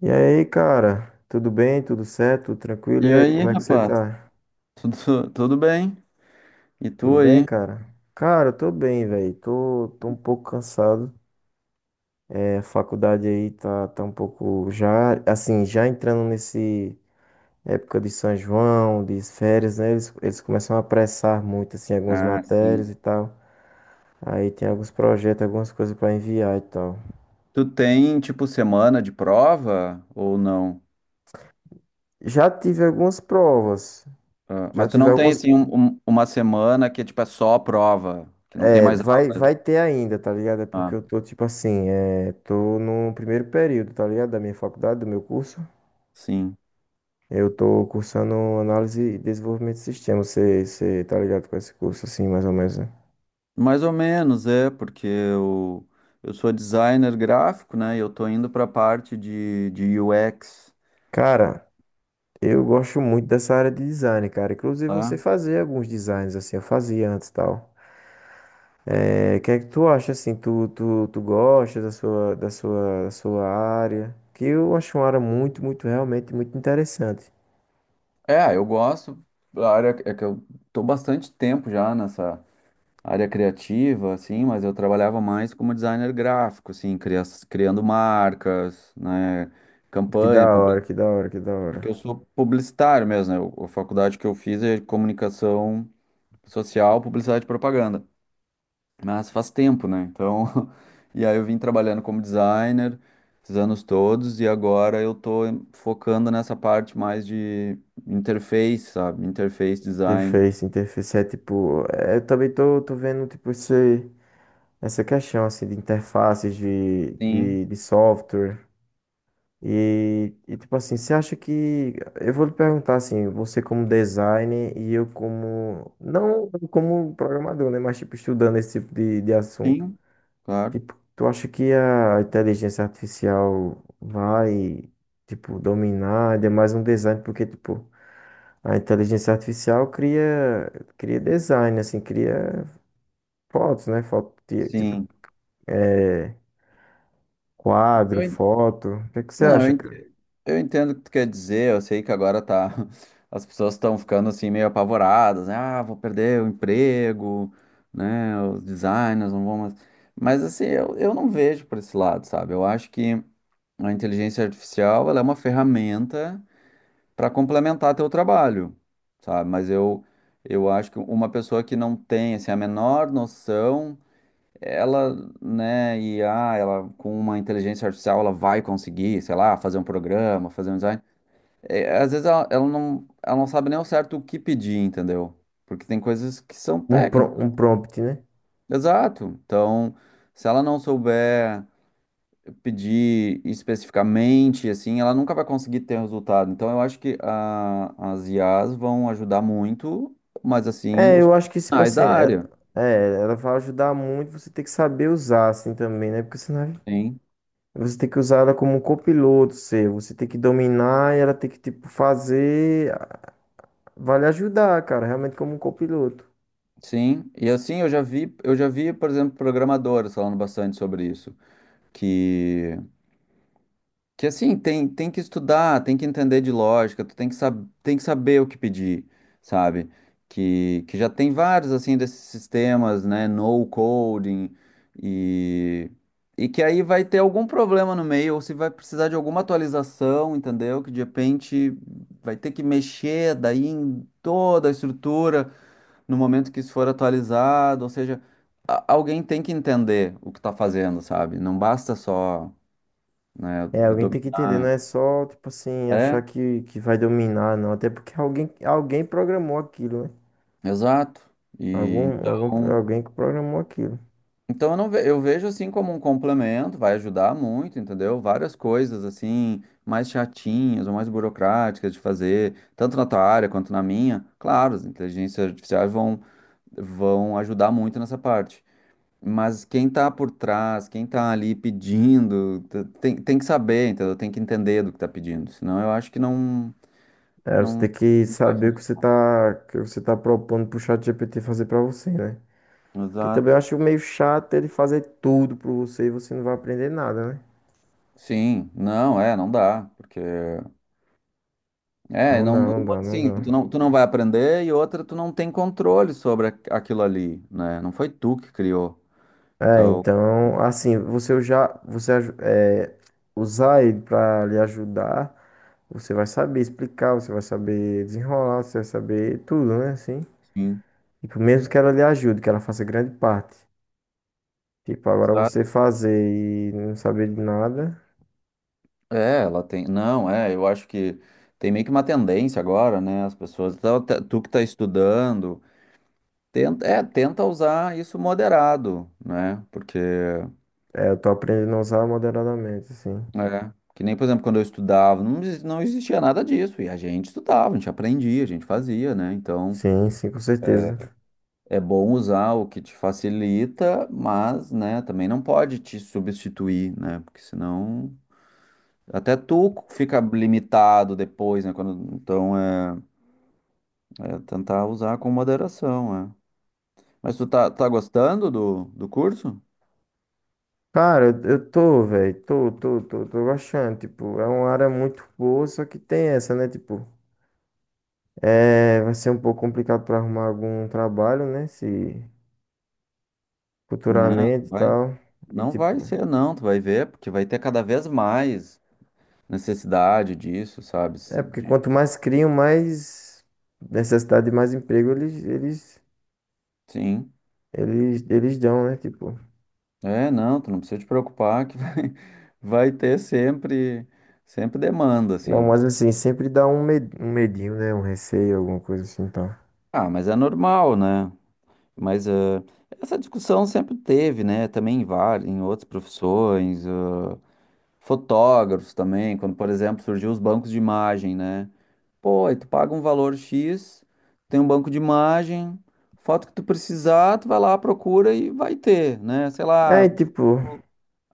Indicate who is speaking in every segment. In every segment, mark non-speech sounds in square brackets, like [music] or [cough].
Speaker 1: E aí, cara? Tudo bem? Tudo certo? Tudo tranquilo?
Speaker 2: E
Speaker 1: E aí,
Speaker 2: aí,
Speaker 1: como é que você
Speaker 2: rapaz?
Speaker 1: tá?
Speaker 2: Tudo bem? E tu
Speaker 1: Tudo bem,
Speaker 2: aí?
Speaker 1: cara? Cara, eu tô bem, velho. Tô um pouco cansado. É, a faculdade aí tá um pouco já, assim, já entrando nesse época de São João, de férias, né? Eles começam a apressar muito, assim, algumas
Speaker 2: Ah,
Speaker 1: matérias
Speaker 2: sim.
Speaker 1: e tal. Aí tem alguns projetos, algumas coisas pra enviar e tal.
Speaker 2: Tu tem, tipo, semana de prova ou não?
Speaker 1: Já tive algumas provas.
Speaker 2: Ah,
Speaker 1: Já
Speaker 2: mas tu
Speaker 1: tive
Speaker 2: não tem,
Speaker 1: algumas
Speaker 2: assim, uma semana que é, tipo, é só prova, que não tem
Speaker 1: É,
Speaker 2: mais
Speaker 1: vai,
Speaker 2: aula?
Speaker 1: vai ter ainda, tá ligado? É porque
Speaker 2: Ah,
Speaker 1: eu tô, tipo assim, tô no primeiro período, tá ligado? Da minha faculdade, do meu curso.
Speaker 2: sim.
Speaker 1: Eu tô cursando análise e desenvolvimento de sistemas. Você tá ligado com esse curso, assim, mais ou menos, né?
Speaker 2: Mais ou menos, é, porque eu sou designer gráfico, né? E eu tô indo pra parte de UX,
Speaker 1: Cara, eu gosto muito dessa área de design, cara. Inclusive,
Speaker 2: tá?
Speaker 1: você fazia alguns designs, assim, eu fazia antes e tal. É, o que é que tu acha, assim? Tu gosta da sua área? Que eu acho uma área muito, muito, realmente, muito interessante.
Speaker 2: É, eu gosto da área, é que eu tô bastante tempo já nessa área criativa, assim, mas eu trabalhava mais como designer gráfico, assim, criando marcas, né,
Speaker 1: Que da
Speaker 2: campanha, publi-
Speaker 1: hora, que da hora, que da
Speaker 2: porque eu
Speaker 1: hora.
Speaker 2: sou publicitário mesmo, né, a faculdade que eu fiz é comunicação social, publicidade e propaganda, mas faz tempo, né, então, [laughs] e aí eu vim trabalhando como designer esses anos todos e agora eu tô focando nessa parte mais de interface, sabe, interface design.
Speaker 1: Interface, interface é tipo. É, eu também tô, tô vendo, tipo, essa questão, assim, de interfaces de,
Speaker 2: Sim,
Speaker 1: de, de software. Tipo assim, você acha que. Eu vou lhe perguntar, assim, você como designer e eu como. Não como programador, né? Mas, tipo, estudando esse tipo de assunto.
Speaker 2: sim, claro,
Speaker 1: Tipo, tu acha que a inteligência artificial vai, tipo, dominar ainda mais um design? Porque, tipo. A inteligência artificial cria design, assim, cria fotos, né? Foto, tipo,
Speaker 2: sim.
Speaker 1: é, quadro,
Speaker 2: Eu en-
Speaker 1: foto. O que é que você
Speaker 2: Não,
Speaker 1: acha,
Speaker 2: eu
Speaker 1: cara?
Speaker 2: Eu entendo o que tu quer dizer, eu sei que agora tá. [laughs] As pessoas estão ficando assim meio apavoradas, né? Ah, vou perder o emprego, né? Os designers não vão mais. Mas assim, eu não vejo por esse lado, sabe? Eu acho que a inteligência artificial ela é uma ferramenta para complementar teu trabalho, sabe? Mas eu acho que uma pessoa que não tem assim, a menor noção, ela, né, e ela com uma inteligência artificial ela vai conseguir, sei lá, fazer um programa, fazer um design. É, às vezes ela não, ela não sabe nem ao certo o que pedir, entendeu? Porque tem coisas que são técnicas.
Speaker 1: Um prompt, né?
Speaker 2: Exato. Então, se ela não souber pedir especificamente, assim, ela nunca vai conseguir ter resultado. Então, eu acho que as IAs vão ajudar muito, mas assim,
Speaker 1: É,
Speaker 2: os
Speaker 1: eu acho que, tipo
Speaker 2: profissionais
Speaker 1: assim,
Speaker 2: da área.
Speaker 1: ela vai ajudar muito, você tem que saber usar, assim, também, né? Porque senão
Speaker 2: Sim.
Speaker 1: você tem que usar ela como um copiloto seu, você tem que dominar e ela tem que, tipo, fazer, vai lhe ajudar, cara, realmente como um copiloto.
Speaker 2: Sim. E assim, eu já vi, por exemplo, programadores falando bastante sobre isso. Que Que assim, tem, tem que estudar, tem que entender de lógica, tu tem que, sab tem que saber o que pedir, sabe? Que já tem vários, assim, desses sistemas, né? No coding e, e que aí vai ter algum problema no meio, ou se vai precisar de alguma atualização, entendeu? Que de repente vai ter que mexer daí em toda a estrutura no momento que isso for atualizado, ou seja, alguém tem que entender o que tá fazendo, sabe? Não basta só, né,
Speaker 1: É, alguém tem que entender, não
Speaker 2: dominar.
Speaker 1: é só, tipo assim, achar
Speaker 2: É,
Speaker 1: que vai dominar, não. Até porque alguém programou aquilo, né?
Speaker 2: exato. E então,
Speaker 1: Alguém que programou aquilo.
Speaker 2: então eu não ve- eu vejo assim como um complemento, vai ajudar muito, entendeu? Várias coisas assim, mais chatinhas ou mais burocráticas de fazer, tanto na tua área quanto na minha. Claro, as inteligências artificiais vão ajudar muito nessa parte. Mas quem tá por trás, quem tá ali pedindo, tem que saber, entendeu? Tem que entender do que tá pedindo, senão eu acho que
Speaker 1: É, você
Speaker 2: não,
Speaker 1: tem que
Speaker 2: não vai
Speaker 1: saber o
Speaker 2: funcionar.
Speaker 1: que você tá propondo pro ChatGPT fazer pra você, né? Porque também eu
Speaker 2: Exato.
Speaker 1: acho meio chato ele fazer tudo pra você e você não vai aprender nada, né?
Speaker 2: Sim, não, é, não dá, porque é,
Speaker 1: Não dá,
Speaker 2: não,
Speaker 1: não
Speaker 2: uma,
Speaker 1: dá, não
Speaker 2: assim,
Speaker 1: dá.
Speaker 2: tu não vai aprender e outra, tu não tem controle sobre aquilo ali, né? Não foi tu que criou.
Speaker 1: É,
Speaker 2: Então,
Speaker 1: então, assim, você já, usar ele pra lhe ajudar. Você vai saber explicar, você vai saber desenrolar, você vai saber tudo, né? Assim.
Speaker 2: sim,
Speaker 1: Tipo, mesmo que ela lhe ajude, que ela faça grande parte. Tipo, agora você
Speaker 2: exato.
Speaker 1: fazer e não saber de nada,
Speaker 2: É, ela tem, não, é, eu acho que tem meio que uma tendência agora, né? As pessoas, então, tu que tá estudando, tenta, é, tenta usar isso moderado, né? Porque
Speaker 1: eu tô aprendendo a usar moderadamente, assim.
Speaker 2: é, que nem, por exemplo, quando eu estudava, não, não existia nada disso, e a gente estudava, a gente aprendia, a gente fazia, né? Então,
Speaker 1: Sim, sim, com
Speaker 2: é,
Speaker 1: certeza.
Speaker 2: É bom usar o que te facilita, mas, né, também não pode te substituir, né? Porque senão até tu fica limitado depois, né? Quando, então é, é tentar usar com moderação, é. Mas tu tá gostando do, do curso?
Speaker 1: Cara, eu tô, velho, tô gostando. Tipo, é uma área muito boa, só que tem essa, né? Tipo, vai ser um pouco complicado pra arrumar algum trabalho, né? Se
Speaker 2: Não, não
Speaker 1: futuramente e
Speaker 2: vai.
Speaker 1: tal. E
Speaker 2: Não vai
Speaker 1: tipo.
Speaker 2: ser, não, tu vai ver, porque vai ter cada vez mais necessidade disso, sabe?
Speaker 1: É, porque quanto mais criam, mais necessidade de mais emprego eles, eles,
Speaker 2: Sim.
Speaker 1: eles, eles dão, né? Tipo,
Speaker 2: É, não, tu não precisa te preocupar que vai, [laughs] vai ter sempre, sempre demanda,
Speaker 1: não,
Speaker 2: assim.
Speaker 1: mas assim, sempre dá um medinho, né? Um receio, alguma coisa assim, tá?
Speaker 2: Ah, mas é normal, né? Mas ah, essa discussão sempre teve, né? Também em várias, em outras profissões, ah, fotógrafos também, quando, por exemplo, surgiu os bancos de imagem, né? Pô, aí tu paga um valor X, tem um banco de imagem, foto que tu precisar, tu vai lá, procura e vai ter, né? Sei
Speaker 1: É,
Speaker 2: lá,
Speaker 1: e tipo,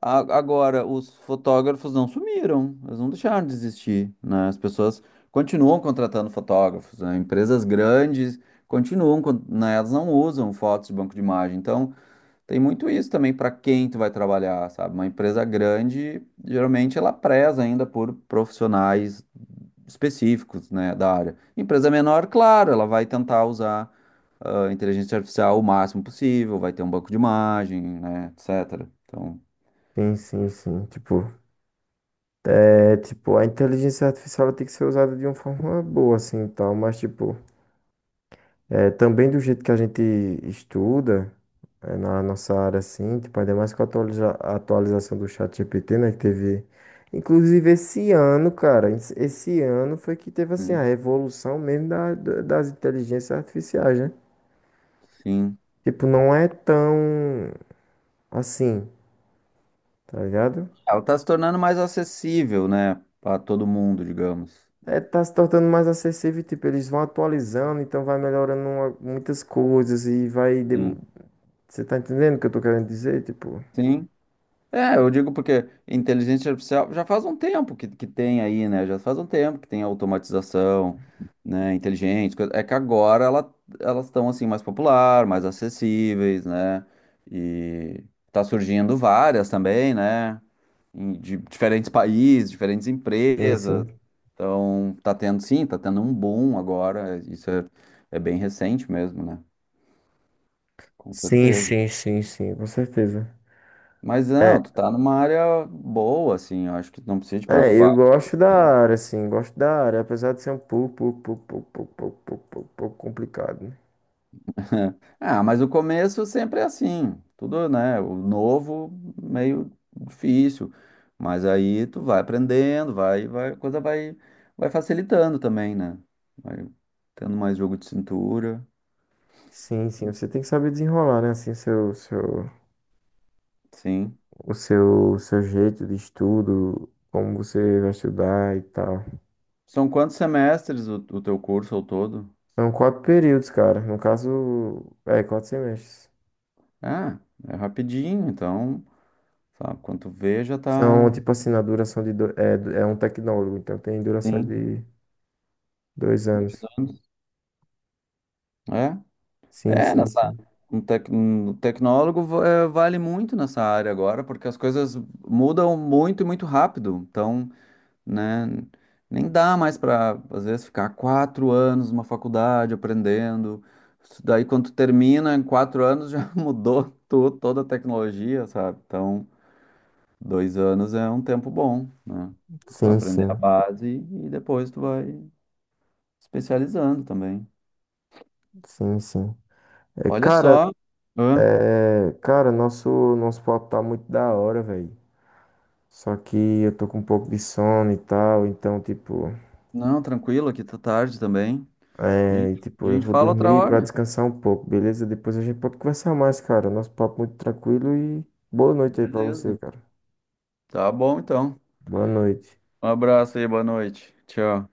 Speaker 2: agora, os fotógrafos não sumiram, eles não deixaram de existir, né? As pessoas continuam contratando fotógrafos, né? Empresas grandes continuam, né? Elas não usam fotos de banco de imagem. Então, tem muito isso também para quem tu vai trabalhar, sabe? Uma empresa grande, geralmente ela preza ainda por profissionais específicos, né, da área. Empresa menor, claro, ela vai tentar usar a inteligência artificial o máximo possível, vai ter um banco de imagem, né, etc. Então,
Speaker 1: sim, sim, sim. Tipo, a inteligência artificial ela tem que ser usada de uma forma boa, assim, tal, mas, tipo, é, também do jeito que a gente estuda, é, na nossa área, assim, tipo, ainda mais com a a atualização do chat GPT né, que teve. Inclusive, esse ano, cara, esse ano foi que teve, assim, a revolução mesmo das inteligências artificiais, né?
Speaker 2: sim.
Speaker 1: Tipo, não é tão assim, tá ligado?
Speaker 2: Ela está se tornando mais acessível, né, para todo mundo, digamos.
Speaker 1: É, tá se tornando mais acessível, tipo, eles vão atualizando, então vai melhorando muitas coisas e vai.
Speaker 2: Sim.
Speaker 1: Você tá entendendo o que eu tô querendo dizer? Tipo,
Speaker 2: Sim. É, eu digo porque inteligência artificial já faz um tempo que tem aí, né? Já faz um tempo que tem automatização, né, inteligente. É que agora ela, elas estão assim mais popular, mais acessíveis, né? E tá surgindo várias também, né? De diferentes países, diferentes
Speaker 1: sim,
Speaker 2: empresas.
Speaker 1: sim.
Speaker 2: Então, tá tendo, sim, tá tendo um boom agora. Isso é, é bem recente mesmo, né? Com
Speaker 1: Sim,
Speaker 2: certeza.
Speaker 1: sim, sim, sim, com certeza.
Speaker 2: Mas
Speaker 1: É,
Speaker 2: não, tu tá numa área boa, assim, eu acho que não precisa te preocupar.
Speaker 1: eu gosto da
Speaker 2: [laughs]
Speaker 1: área, assim, gosto da área, apesar de ser um pouco, pouco complicado, né?
Speaker 2: Ah, mas o começo sempre é assim, tudo, né? O novo, meio difícil, mas aí tu vai aprendendo, vai, vai, a coisa vai, vai facilitando também, né? Vai tendo mais jogo de cintura,
Speaker 1: Sim, sim, você tem que saber desenrolar, né? Assim,
Speaker 2: sim.
Speaker 1: seu jeito de estudo, como você vai estudar e tal.
Speaker 2: São quantos semestres o teu curso ao todo?
Speaker 1: São quatro períodos, cara. No caso, quatro semestres.
Speaker 2: Ah, é rapidinho, então, sabe, quando tu vê já
Speaker 1: São,
Speaker 2: tá.
Speaker 1: tipo assim, na duração de. É, é um tecnólogo, então tem duração
Speaker 2: Sim.
Speaker 1: de 2 anos.
Speaker 2: É?
Speaker 1: Sim,
Speaker 2: É,
Speaker 1: sim,
Speaker 2: nessa.
Speaker 1: sim.
Speaker 2: Um tecnólogo é, vale muito nessa área agora, porque as coisas mudam muito e muito rápido. Então, né, nem dá mais para, às vezes, ficar 4 anos numa faculdade aprendendo. Isso daí, quando tu termina, em 4 anos já [laughs] mudou toda a tecnologia, sabe? Então. 2 anos é um tempo bom, né? Tu vai
Speaker 1: Sim,
Speaker 2: aprender a
Speaker 1: sim.
Speaker 2: base e depois tu vai especializando também.
Speaker 1: Sim, sim. É,
Speaker 2: Olha
Speaker 1: cara,
Speaker 2: só. Hã?
Speaker 1: é, cara, nosso, nosso papo tá muito da hora, velho. Só que eu tô com um pouco de sono e tal, então, tipo,
Speaker 2: Não, tranquilo, aqui tá tarde também. A gente, a
Speaker 1: eu
Speaker 2: gente
Speaker 1: vou
Speaker 2: fala outra
Speaker 1: dormir pra
Speaker 2: hora.
Speaker 1: descansar um pouco, beleza? Depois a gente pode conversar mais, cara. Nosso papo muito tranquilo e boa noite aí pra você,
Speaker 2: Beleza.
Speaker 1: cara.
Speaker 2: Tá bom, então.
Speaker 1: Boa noite.
Speaker 2: Um abraço aí, boa noite. Tchau.